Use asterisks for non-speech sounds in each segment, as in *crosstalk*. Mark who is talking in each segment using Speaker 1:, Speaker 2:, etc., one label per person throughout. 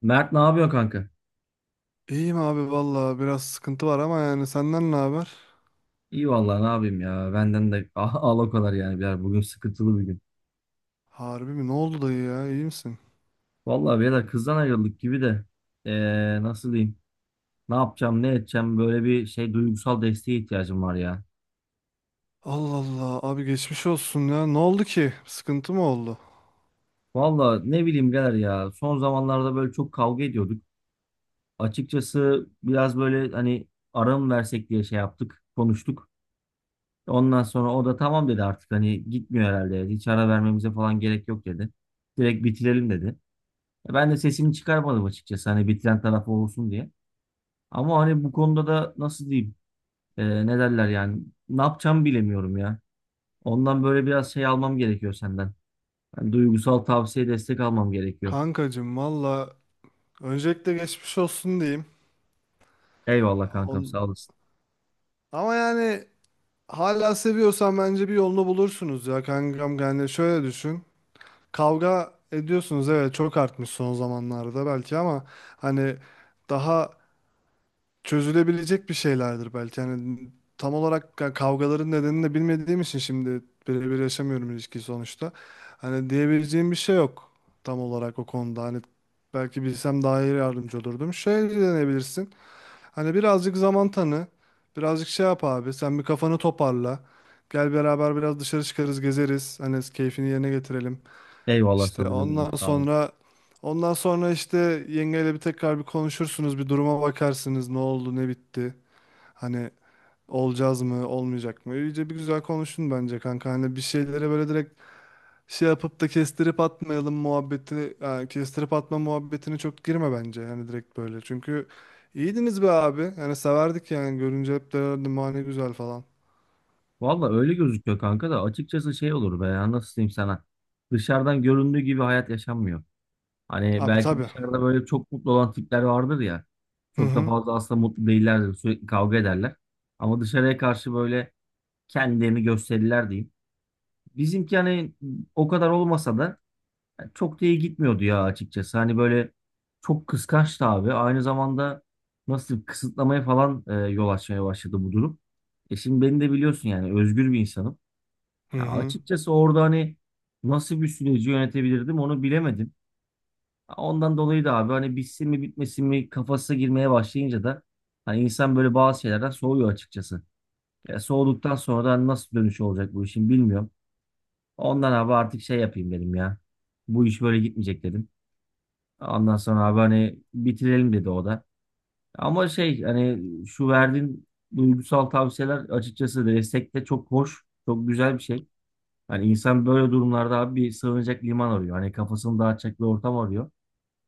Speaker 1: Mert ne yapıyor kanka?
Speaker 2: İyiyim abi valla biraz sıkıntı var ama yani senden ne haber?
Speaker 1: İyi vallahi ne yapayım ya. Benden de *laughs* al o kadar yani birader. Bugün sıkıntılı bir gün.
Speaker 2: Harbi mi? Ne oldu dayı ya? İyi misin?
Speaker 1: Vallahi birader kızdan ayrıldık gibi de. Nasıl diyeyim? Ne yapacağım ne edeceğim böyle bir şey duygusal desteğe ihtiyacım var ya.
Speaker 2: Allah Allah abi geçmiş olsun ya. Ne oldu ki? Sıkıntı mı oldu?
Speaker 1: Vallahi ne bileyim birader ya. Son zamanlarda böyle çok kavga ediyorduk. Açıkçası biraz böyle hani ara mı versek diye şey yaptık. Konuştuk. Ondan sonra o da tamam dedi artık hani gitmiyor herhalde, dedi. Hiç ara vermemize falan gerek yok dedi. Direkt bitirelim dedi. Ben de sesimi çıkarmadım açıkçası hani bitiren taraf olsun diye. Ama hani bu konuda da nasıl diyeyim ne derler yani ne yapacağımı bilemiyorum ya. Ondan böyle biraz şey almam gerekiyor senden. Hani duygusal tavsiye destek almam gerekiyor.
Speaker 2: Kankacım valla öncelikle geçmiş olsun diyeyim.
Speaker 1: Eyvallah kankam
Speaker 2: On...
Speaker 1: sağ olasın.
Speaker 2: Ama yani hala seviyorsan bence bir yolunu bulursunuz ya kankam. Yani şöyle düşün. Kavga ediyorsunuz, evet, çok artmış son zamanlarda belki, ama hani daha çözülebilecek bir şeylerdir belki. Yani tam olarak kavgaların nedenini de bilmediğim için şimdi birebir yaşamıyorum ilişkiyi sonuçta. Hani diyebileceğim bir şey yok tam olarak o konuda. Hani belki bilsem daha iyi yardımcı olurdum. Şey deneyebilirsin. Hani birazcık zaman tanı. Birazcık şey yap abi. Sen bir kafanı toparla. Gel beraber biraz dışarı çıkarız, gezeriz. Hani keyfini yerine getirelim.
Speaker 1: Eyvallah
Speaker 2: İşte
Speaker 1: sadıcım benim
Speaker 2: ondan
Speaker 1: sağ ol.
Speaker 2: sonra ondan sonra işte yengeyle bir tekrar bir konuşursunuz, bir duruma bakarsınız, ne oldu, ne bitti. Hani olacağız mı, olmayacak mı? İyice bir güzel konuşun bence kanka. Hani bir şeylere böyle direkt şey yapıp da kestirip atmayalım muhabbeti, yani kestirip atma muhabbetine çok girme bence. Hani direkt böyle. Çünkü iyiydiniz be abi. Yani severdik, yani görünce hep derlerdi "Ma ne güzel" falan.
Speaker 1: Valla öyle gözüküyor kanka da açıkçası şey olur be ya nasıl diyeyim sana. Dışarıdan göründüğü gibi hayat yaşanmıyor. Hani
Speaker 2: Abi
Speaker 1: belki
Speaker 2: tabii.
Speaker 1: dışarıda böyle çok mutlu olan tipler vardır ya.
Speaker 2: Hı
Speaker 1: Çok da
Speaker 2: hı.
Speaker 1: fazla aslında mutlu değillerdir. Sürekli kavga ederler. Ama dışarıya karşı böyle kendilerini gösterirler diyeyim. Bizimki hani o kadar olmasa da çok da iyi gitmiyordu ya açıkçası. Hani böyle çok kıskançtı abi. Aynı zamanda nasıl kısıtlamaya falan yol açmaya başladı bu durum. E, şimdi beni de biliyorsun yani özgür bir insanım.
Speaker 2: Hı
Speaker 1: Ya
Speaker 2: hı.
Speaker 1: açıkçası orada hani nasıl bir süreci yönetebilirdim onu bilemedim. Ondan dolayı da abi hani bitsin mi bitmesin mi kafasına girmeye başlayınca da hani insan böyle bazı şeylerden soğuyor açıkçası. Ya soğuduktan sonra da nasıl dönüşü olacak bu işin bilmiyorum. Ondan abi artık şey yapayım dedim ya. Bu iş böyle gitmeyecek dedim. Ondan sonra abi hani bitirelim dedi o da. Ama şey hani şu verdiğin duygusal tavsiyeler açıkçası destek de çok hoş, çok güzel bir şey. Hani insan böyle durumlarda abi bir sığınacak liman arıyor. Hani kafasını dağıtacak bir ortam arıyor.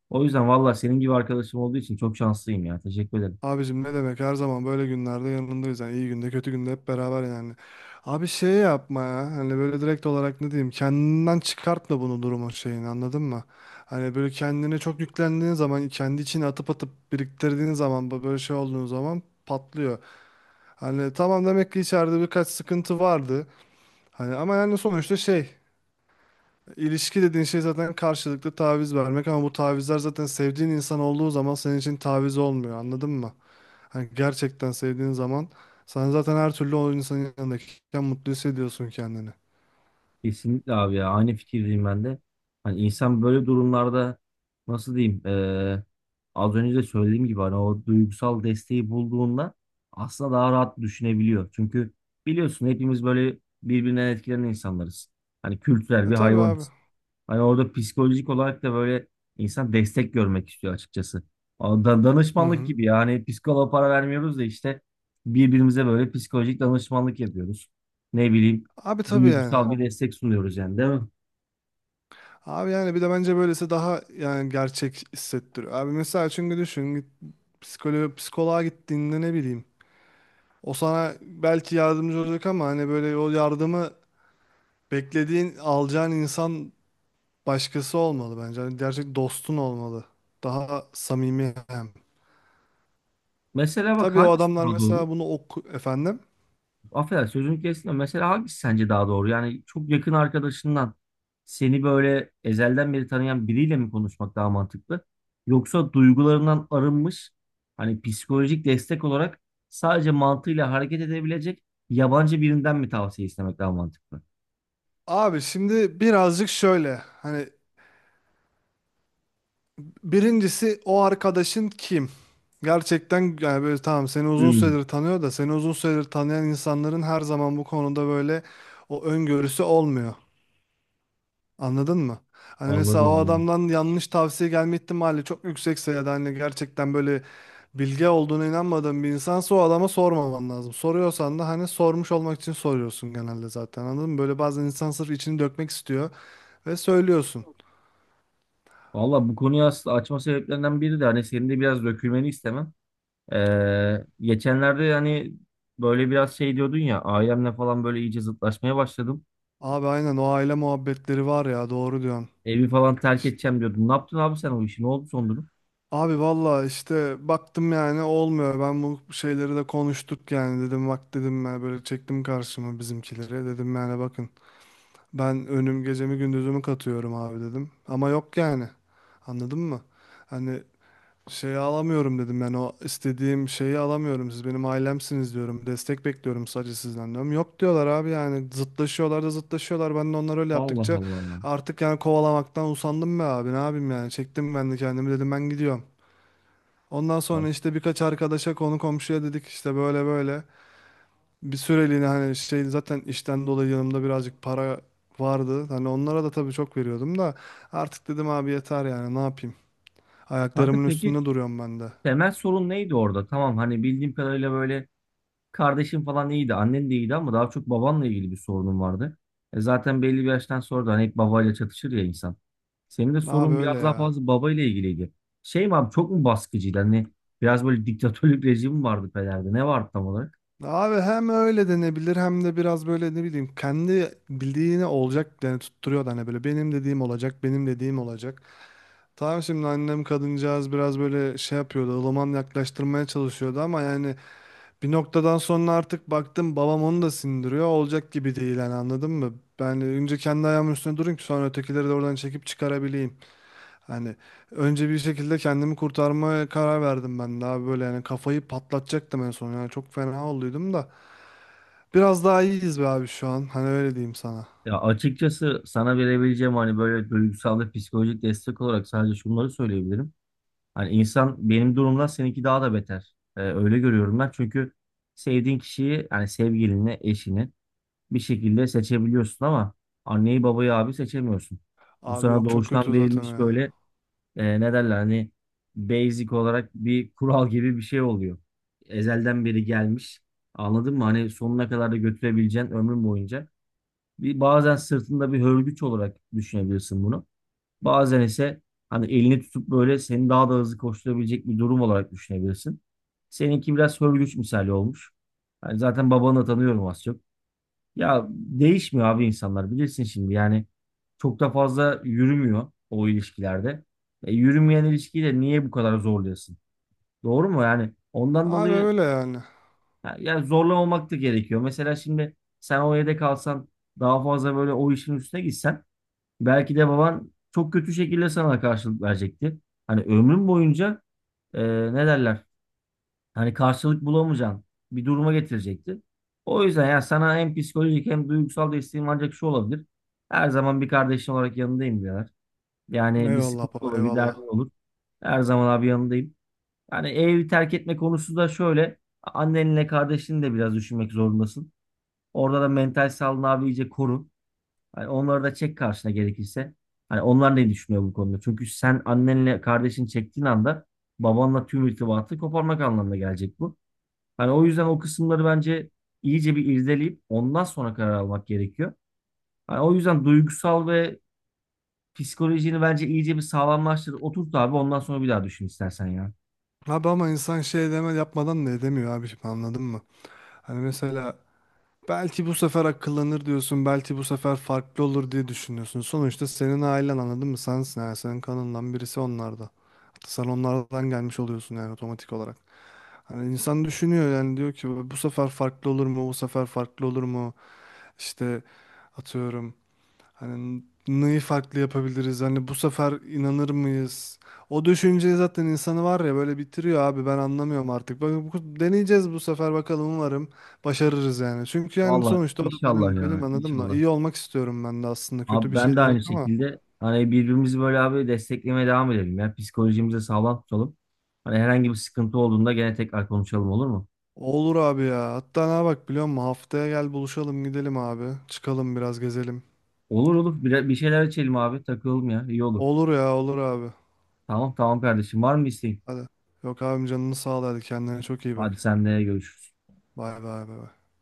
Speaker 1: O yüzden valla senin gibi arkadaşım olduğu için çok şanslıyım ya. Teşekkür ederim.
Speaker 2: Abicim ne demek, her zaman böyle günlerde yanındayız yani, iyi günde kötü günde hep beraber yani. Abi şey yapma ya, hani böyle direkt olarak ne diyeyim kendinden çıkartma bunu, durumu, şeyini, anladın mı? Hani böyle kendine çok yüklendiğin zaman, kendi içine atıp atıp biriktirdiğin zaman, bu böyle şey olduğun zaman patlıyor. Hani tamam, demek ki içeride birkaç sıkıntı vardı. Hani ama yani sonuçta şey, ilişki dediğin şey zaten karşılıklı taviz vermek ama bu tavizler zaten sevdiğin insan olduğu zaman senin için taviz olmuyor, anladın mı? Hani gerçekten sevdiğin zaman sen zaten her türlü o insanın yanındayken mutlu hissediyorsun kendini.
Speaker 1: Kesinlikle abi ya. Aynı fikirdeyim ben de. Hani insan böyle durumlarda nasıl diyeyim az önce de söylediğim gibi hani o duygusal desteği bulduğunda aslında daha rahat düşünebiliyor. Çünkü biliyorsun hepimiz böyle birbirinden etkilenen insanlarız. Hani kültürel
Speaker 2: E
Speaker 1: bir
Speaker 2: tabii abi.
Speaker 1: hayvanız. Hani orada psikolojik olarak da böyle insan destek görmek istiyor açıkçası.
Speaker 2: Hı
Speaker 1: Danışmanlık
Speaker 2: hı.
Speaker 1: gibi yani psikoloğa para vermiyoruz da işte birbirimize böyle psikolojik danışmanlık yapıyoruz. Ne bileyim
Speaker 2: Abi tabii yani.
Speaker 1: duygusal bir destek sunuyoruz yani değil mi?
Speaker 2: Abi yani bir de bence böylesi daha yani gerçek hissettiriyor. Abi mesela, çünkü düşün, git psikoloğa gittiğinde ne bileyim. O sana belki yardımcı olacak, ama hani böyle o yardımı beklediğin alacağın insan başkası olmalı bence. Hani gerçek dostun olmalı. Daha samimi hem.
Speaker 1: Mesela bak
Speaker 2: Tabii o
Speaker 1: hangisi
Speaker 2: adamlar
Speaker 1: daha doğru?
Speaker 2: mesela bunu oku efendim.
Speaker 1: Affedersin sözünü kestim de. Mesela hangisi sence daha doğru? Yani çok yakın arkadaşından seni böyle ezelden beri tanıyan biriyle mi konuşmak daha mantıklı? Yoksa duygularından arınmış hani psikolojik destek olarak sadece mantığıyla hareket edebilecek yabancı birinden mi tavsiye istemek daha mantıklı?
Speaker 2: Abi şimdi birazcık şöyle hani, birincisi o arkadaşın kim? Gerçekten yani böyle tamam, seni uzun
Speaker 1: Hmm,
Speaker 2: süredir tanıyor, da seni uzun süredir tanıyan insanların her zaman bu konuda böyle o öngörüsü olmuyor. Anladın mı? Hani mesela
Speaker 1: anladım.
Speaker 2: o
Speaker 1: Anladım.
Speaker 2: adamdan yanlış tavsiye gelme ihtimali çok yüksekse, ya da hani gerçekten böyle bilge olduğuna inanmadığın bir insansa, o adama sormaman lazım. Soruyorsan da hani sormuş olmak için soruyorsun genelde zaten, anladın mı? Böyle bazen insan sırf içini dökmek istiyor ve söylüyorsun.
Speaker 1: Valla bu konuyu aslında açma sebeplerinden biri de hani senin de biraz dökülmeni istemem. Geçenlerde hani böyle biraz şey diyordun ya ailemle falan böyle iyice zıtlaşmaya başladım.
Speaker 2: Abi aynen, o aile muhabbetleri var ya, doğru diyorsun.
Speaker 1: Evi falan terk
Speaker 2: İşte,
Speaker 1: edeceğim diyordun. Ne yaptın abi sen o işi? Ne oldu son durum?
Speaker 2: abi valla işte baktım yani olmuyor. Ben bu şeyleri de konuştuk yani, dedim bak dedim, ben böyle çektim karşıma bizimkileri. Dedim yani bakın, ben önüm gecemi gündüzümü katıyorum abi dedim. Ama yok yani, anladın mı? Hani şeyi alamıyorum dedim, ben o istediğim şeyi alamıyorum, siz benim ailemsiniz diyorum, destek bekliyorum sadece sizden diyorum, yok diyorlar abi, yani zıtlaşıyorlar da zıtlaşıyorlar, ben de onlar öyle
Speaker 1: Allah
Speaker 2: yaptıkça
Speaker 1: Allah.
Speaker 2: artık yani kovalamaktan usandım be abi, ne yapayım yani, çektim ben de kendimi, dedim ben gidiyorum. Ondan
Speaker 1: Ya,
Speaker 2: sonra işte birkaç arkadaşa konu komşuya dedik, işte böyle böyle bir süreliğine, hani şey, zaten işten dolayı yanımda birazcık para vardı, hani onlara da tabii çok veriyordum da, artık dedim abi yeter, yani ne yapayım,
Speaker 1: kanka
Speaker 2: ayaklarımın
Speaker 1: peki
Speaker 2: üstünde duruyorum ben de.
Speaker 1: temel sorun neydi orada? Tamam hani bildiğim kadarıyla böyle kardeşin falan iyiydi. Annen de iyiydi ama daha çok babanla ilgili bir sorunun vardı. E, zaten belli bir yaştan sonra da hani hep babayla çatışır ya insan. Senin de
Speaker 2: Abi
Speaker 1: sorun biraz
Speaker 2: öyle
Speaker 1: daha
Speaker 2: ya.
Speaker 1: fazla babayla ilgiliydi. Şey mi abi çok mu baskıcıydı? Hani biraz böyle diktatörlük rejimi vardı Peder'de. Ne vardı tam olarak?
Speaker 2: Abi hem öyle denebilir hem de biraz böyle ne bileyim, kendi bildiğine olacak yani, tutturuyor da hani böyle, benim dediğim olacak, benim dediğim olacak. Tamam, şimdi annem kadıncağız biraz böyle şey yapıyordu, ılıman yaklaştırmaya çalışıyordu, ama yani bir noktadan sonra artık baktım babam onu da sindiriyor, olacak gibi değil yani, anladın mı? Ben önce kendi ayağımın üstüne durayım ki sonra ötekileri de oradan çekip çıkarabileyim. Hani önce bir şekilde kendimi kurtarmaya karar verdim ben de abi, böyle yani kafayı patlatacaktım en son yani, çok fena olduydum da biraz daha iyiyiz be abi şu an, hani öyle diyeyim sana.
Speaker 1: Ya açıkçası sana verebileceğim hani böyle duygusal ve psikolojik destek olarak sadece şunları söyleyebilirim. Hani insan benim durumda seninki daha da beter. Öyle görüyorum ben. Çünkü sevdiğin kişiyi yani sevgilini, eşini bir şekilde seçebiliyorsun ama anneyi babayı abi seçemiyorsun. Bu
Speaker 2: Abi
Speaker 1: sana
Speaker 2: yok, çok
Speaker 1: doğuştan
Speaker 2: kötü zaten
Speaker 1: verilmiş
Speaker 2: ya.
Speaker 1: böyle ne derler hani basic olarak bir kural gibi bir şey oluyor. Ezelden beri gelmiş. Anladın mı? Hani sonuna kadar da götürebileceğin ömrün boyunca. Bir, bazen sırtında bir hörgüç olarak düşünebilirsin bunu. Bazen ise hani elini tutup böyle seni daha da hızlı koşturabilecek bir durum olarak düşünebilirsin. Seninki biraz hörgüç misali olmuş. Yani zaten babanı da tanıyorum az çok. Ya değişmiyor abi insanlar bilirsin şimdi yani çok da fazla yürümüyor o ilişkilerde. E, yürümeyen ilişkiyi de niye bu kadar zorluyorsun? Doğru mu yani? Ondan
Speaker 2: Abi
Speaker 1: dolayı
Speaker 2: öyle yani.
Speaker 1: ya, ya zorlamamak da gerekiyor. Mesela şimdi sen o evde kalsan daha fazla böyle o işin üstüne gitsen belki de baban çok kötü şekilde sana karşılık verecekti. Hani ömrün boyunca e, ne derler? Hani karşılık bulamayacağın bir duruma getirecekti. O yüzden ya sana hem psikolojik hem duygusal desteğim ancak şu olabilir. Her zaman bir kardeşin olarak yanındayım diyorlar. Yani bir
Speaker 2: Eyvallah
Speaker 1: sıkıntı
Speaker 2: baba,
Speaker 1: olur, bir
Speaker 2: eyvallah.
Speaker 1: derdin olur. Her zaman abi yanındayım. Yani evi terk etme konusu da şöyle. Annenle kardeşini de biraz düşünmek zorundasın. Orada da mental sağlığını abi iyice koru. Hani onları da çek karşına gerekirse. Hani onlar ne düşünüyor bu konuda? Çünkü sen annenle kardeşin çektiğin anda babanla tüm irtibatı koparmak anlamına gelecek bu. Hani o yüzden o kısımları bence iyice bir irdeleyip ondan sonra karar almak gerekiyor. Hani o yüzden duygusal ve psikolojini bence iyice bir sağlamlaştır. Oturt abi ondan sonra bir daha düşün istersen ya.
Speaker 2: Abi ama insan şey deme yapmadan da edemiyor abi şimdi, anladın mı? Hani mesela belki bu sefer akıllanır diyorsun, belki bu sefer farklı olur diye düşünüyorsun. Sonuçta senin ailen, anladın mı? Sensin yani, senin kanından birisi onlarda. Sen onlardan gelmiş oluyorsun yani otomatik olarak. Hani insan düşünüyor yani, diyor ki bu sefer farklı olur mu? Bu sefer farklı olur mu? İşte atıyorum hani neyi farklı yapabiliriz? Hani bu sefer inanır mıyız? O düşünce zaten insanı var ya, böyle bitiriyor abi, ben anlamıyorum artık. Bak, deneyeceğiz bu sefer, bakalım umarım başarırız yani. Çünkü yani
Speaker 1: Vallahi
Speaker 2: sonuçta o da
Speaker 1: inşallah
Speaker 2: benim
Speaker 1: ya.
Speaker 2: anladın mı?
Speaker 1: İnşallah.
Speaker 2: İyi olmak istiyorum ben de aslında, kötü
Speaker 1: Abi
Speaker 2: bir
Speaker 1: ben
Speaker 2: şey
Speaker 1: de
Speaker 2: de yok
Speaker 1: aynı
Speaker 2: ama.
Speaker 1: şekilde hani birbirimizi böyle abi desteklemeye devam edelim ya. Psikolojimizi sağlam tutalım. Hani herhangi bir sıkıntı olduğunda gene tekrar konuşalım olur mu?
Speaker 2: Olur abi ya. Hatta ne, bak biliyor musun? Haftaya gel buluşalım gidelim abi. Çıkalım biraz gezelim.
Speaker 1: Olur, olur. Bir şeyler içelim abi. Takılalım ya. İyi olur.
Speaker 2: Olur ya, olur abi.
Speaker 1: Tamam, tamam, kardeşim. Var mı isteğin?
Speaker 2: Hadi. Yok abim, canını sağ ol, hadi kendine çok iyi bak.
Speaker 1: Hadi senle görüşürüz.
Speaker 2: Bay bay bay. Bay.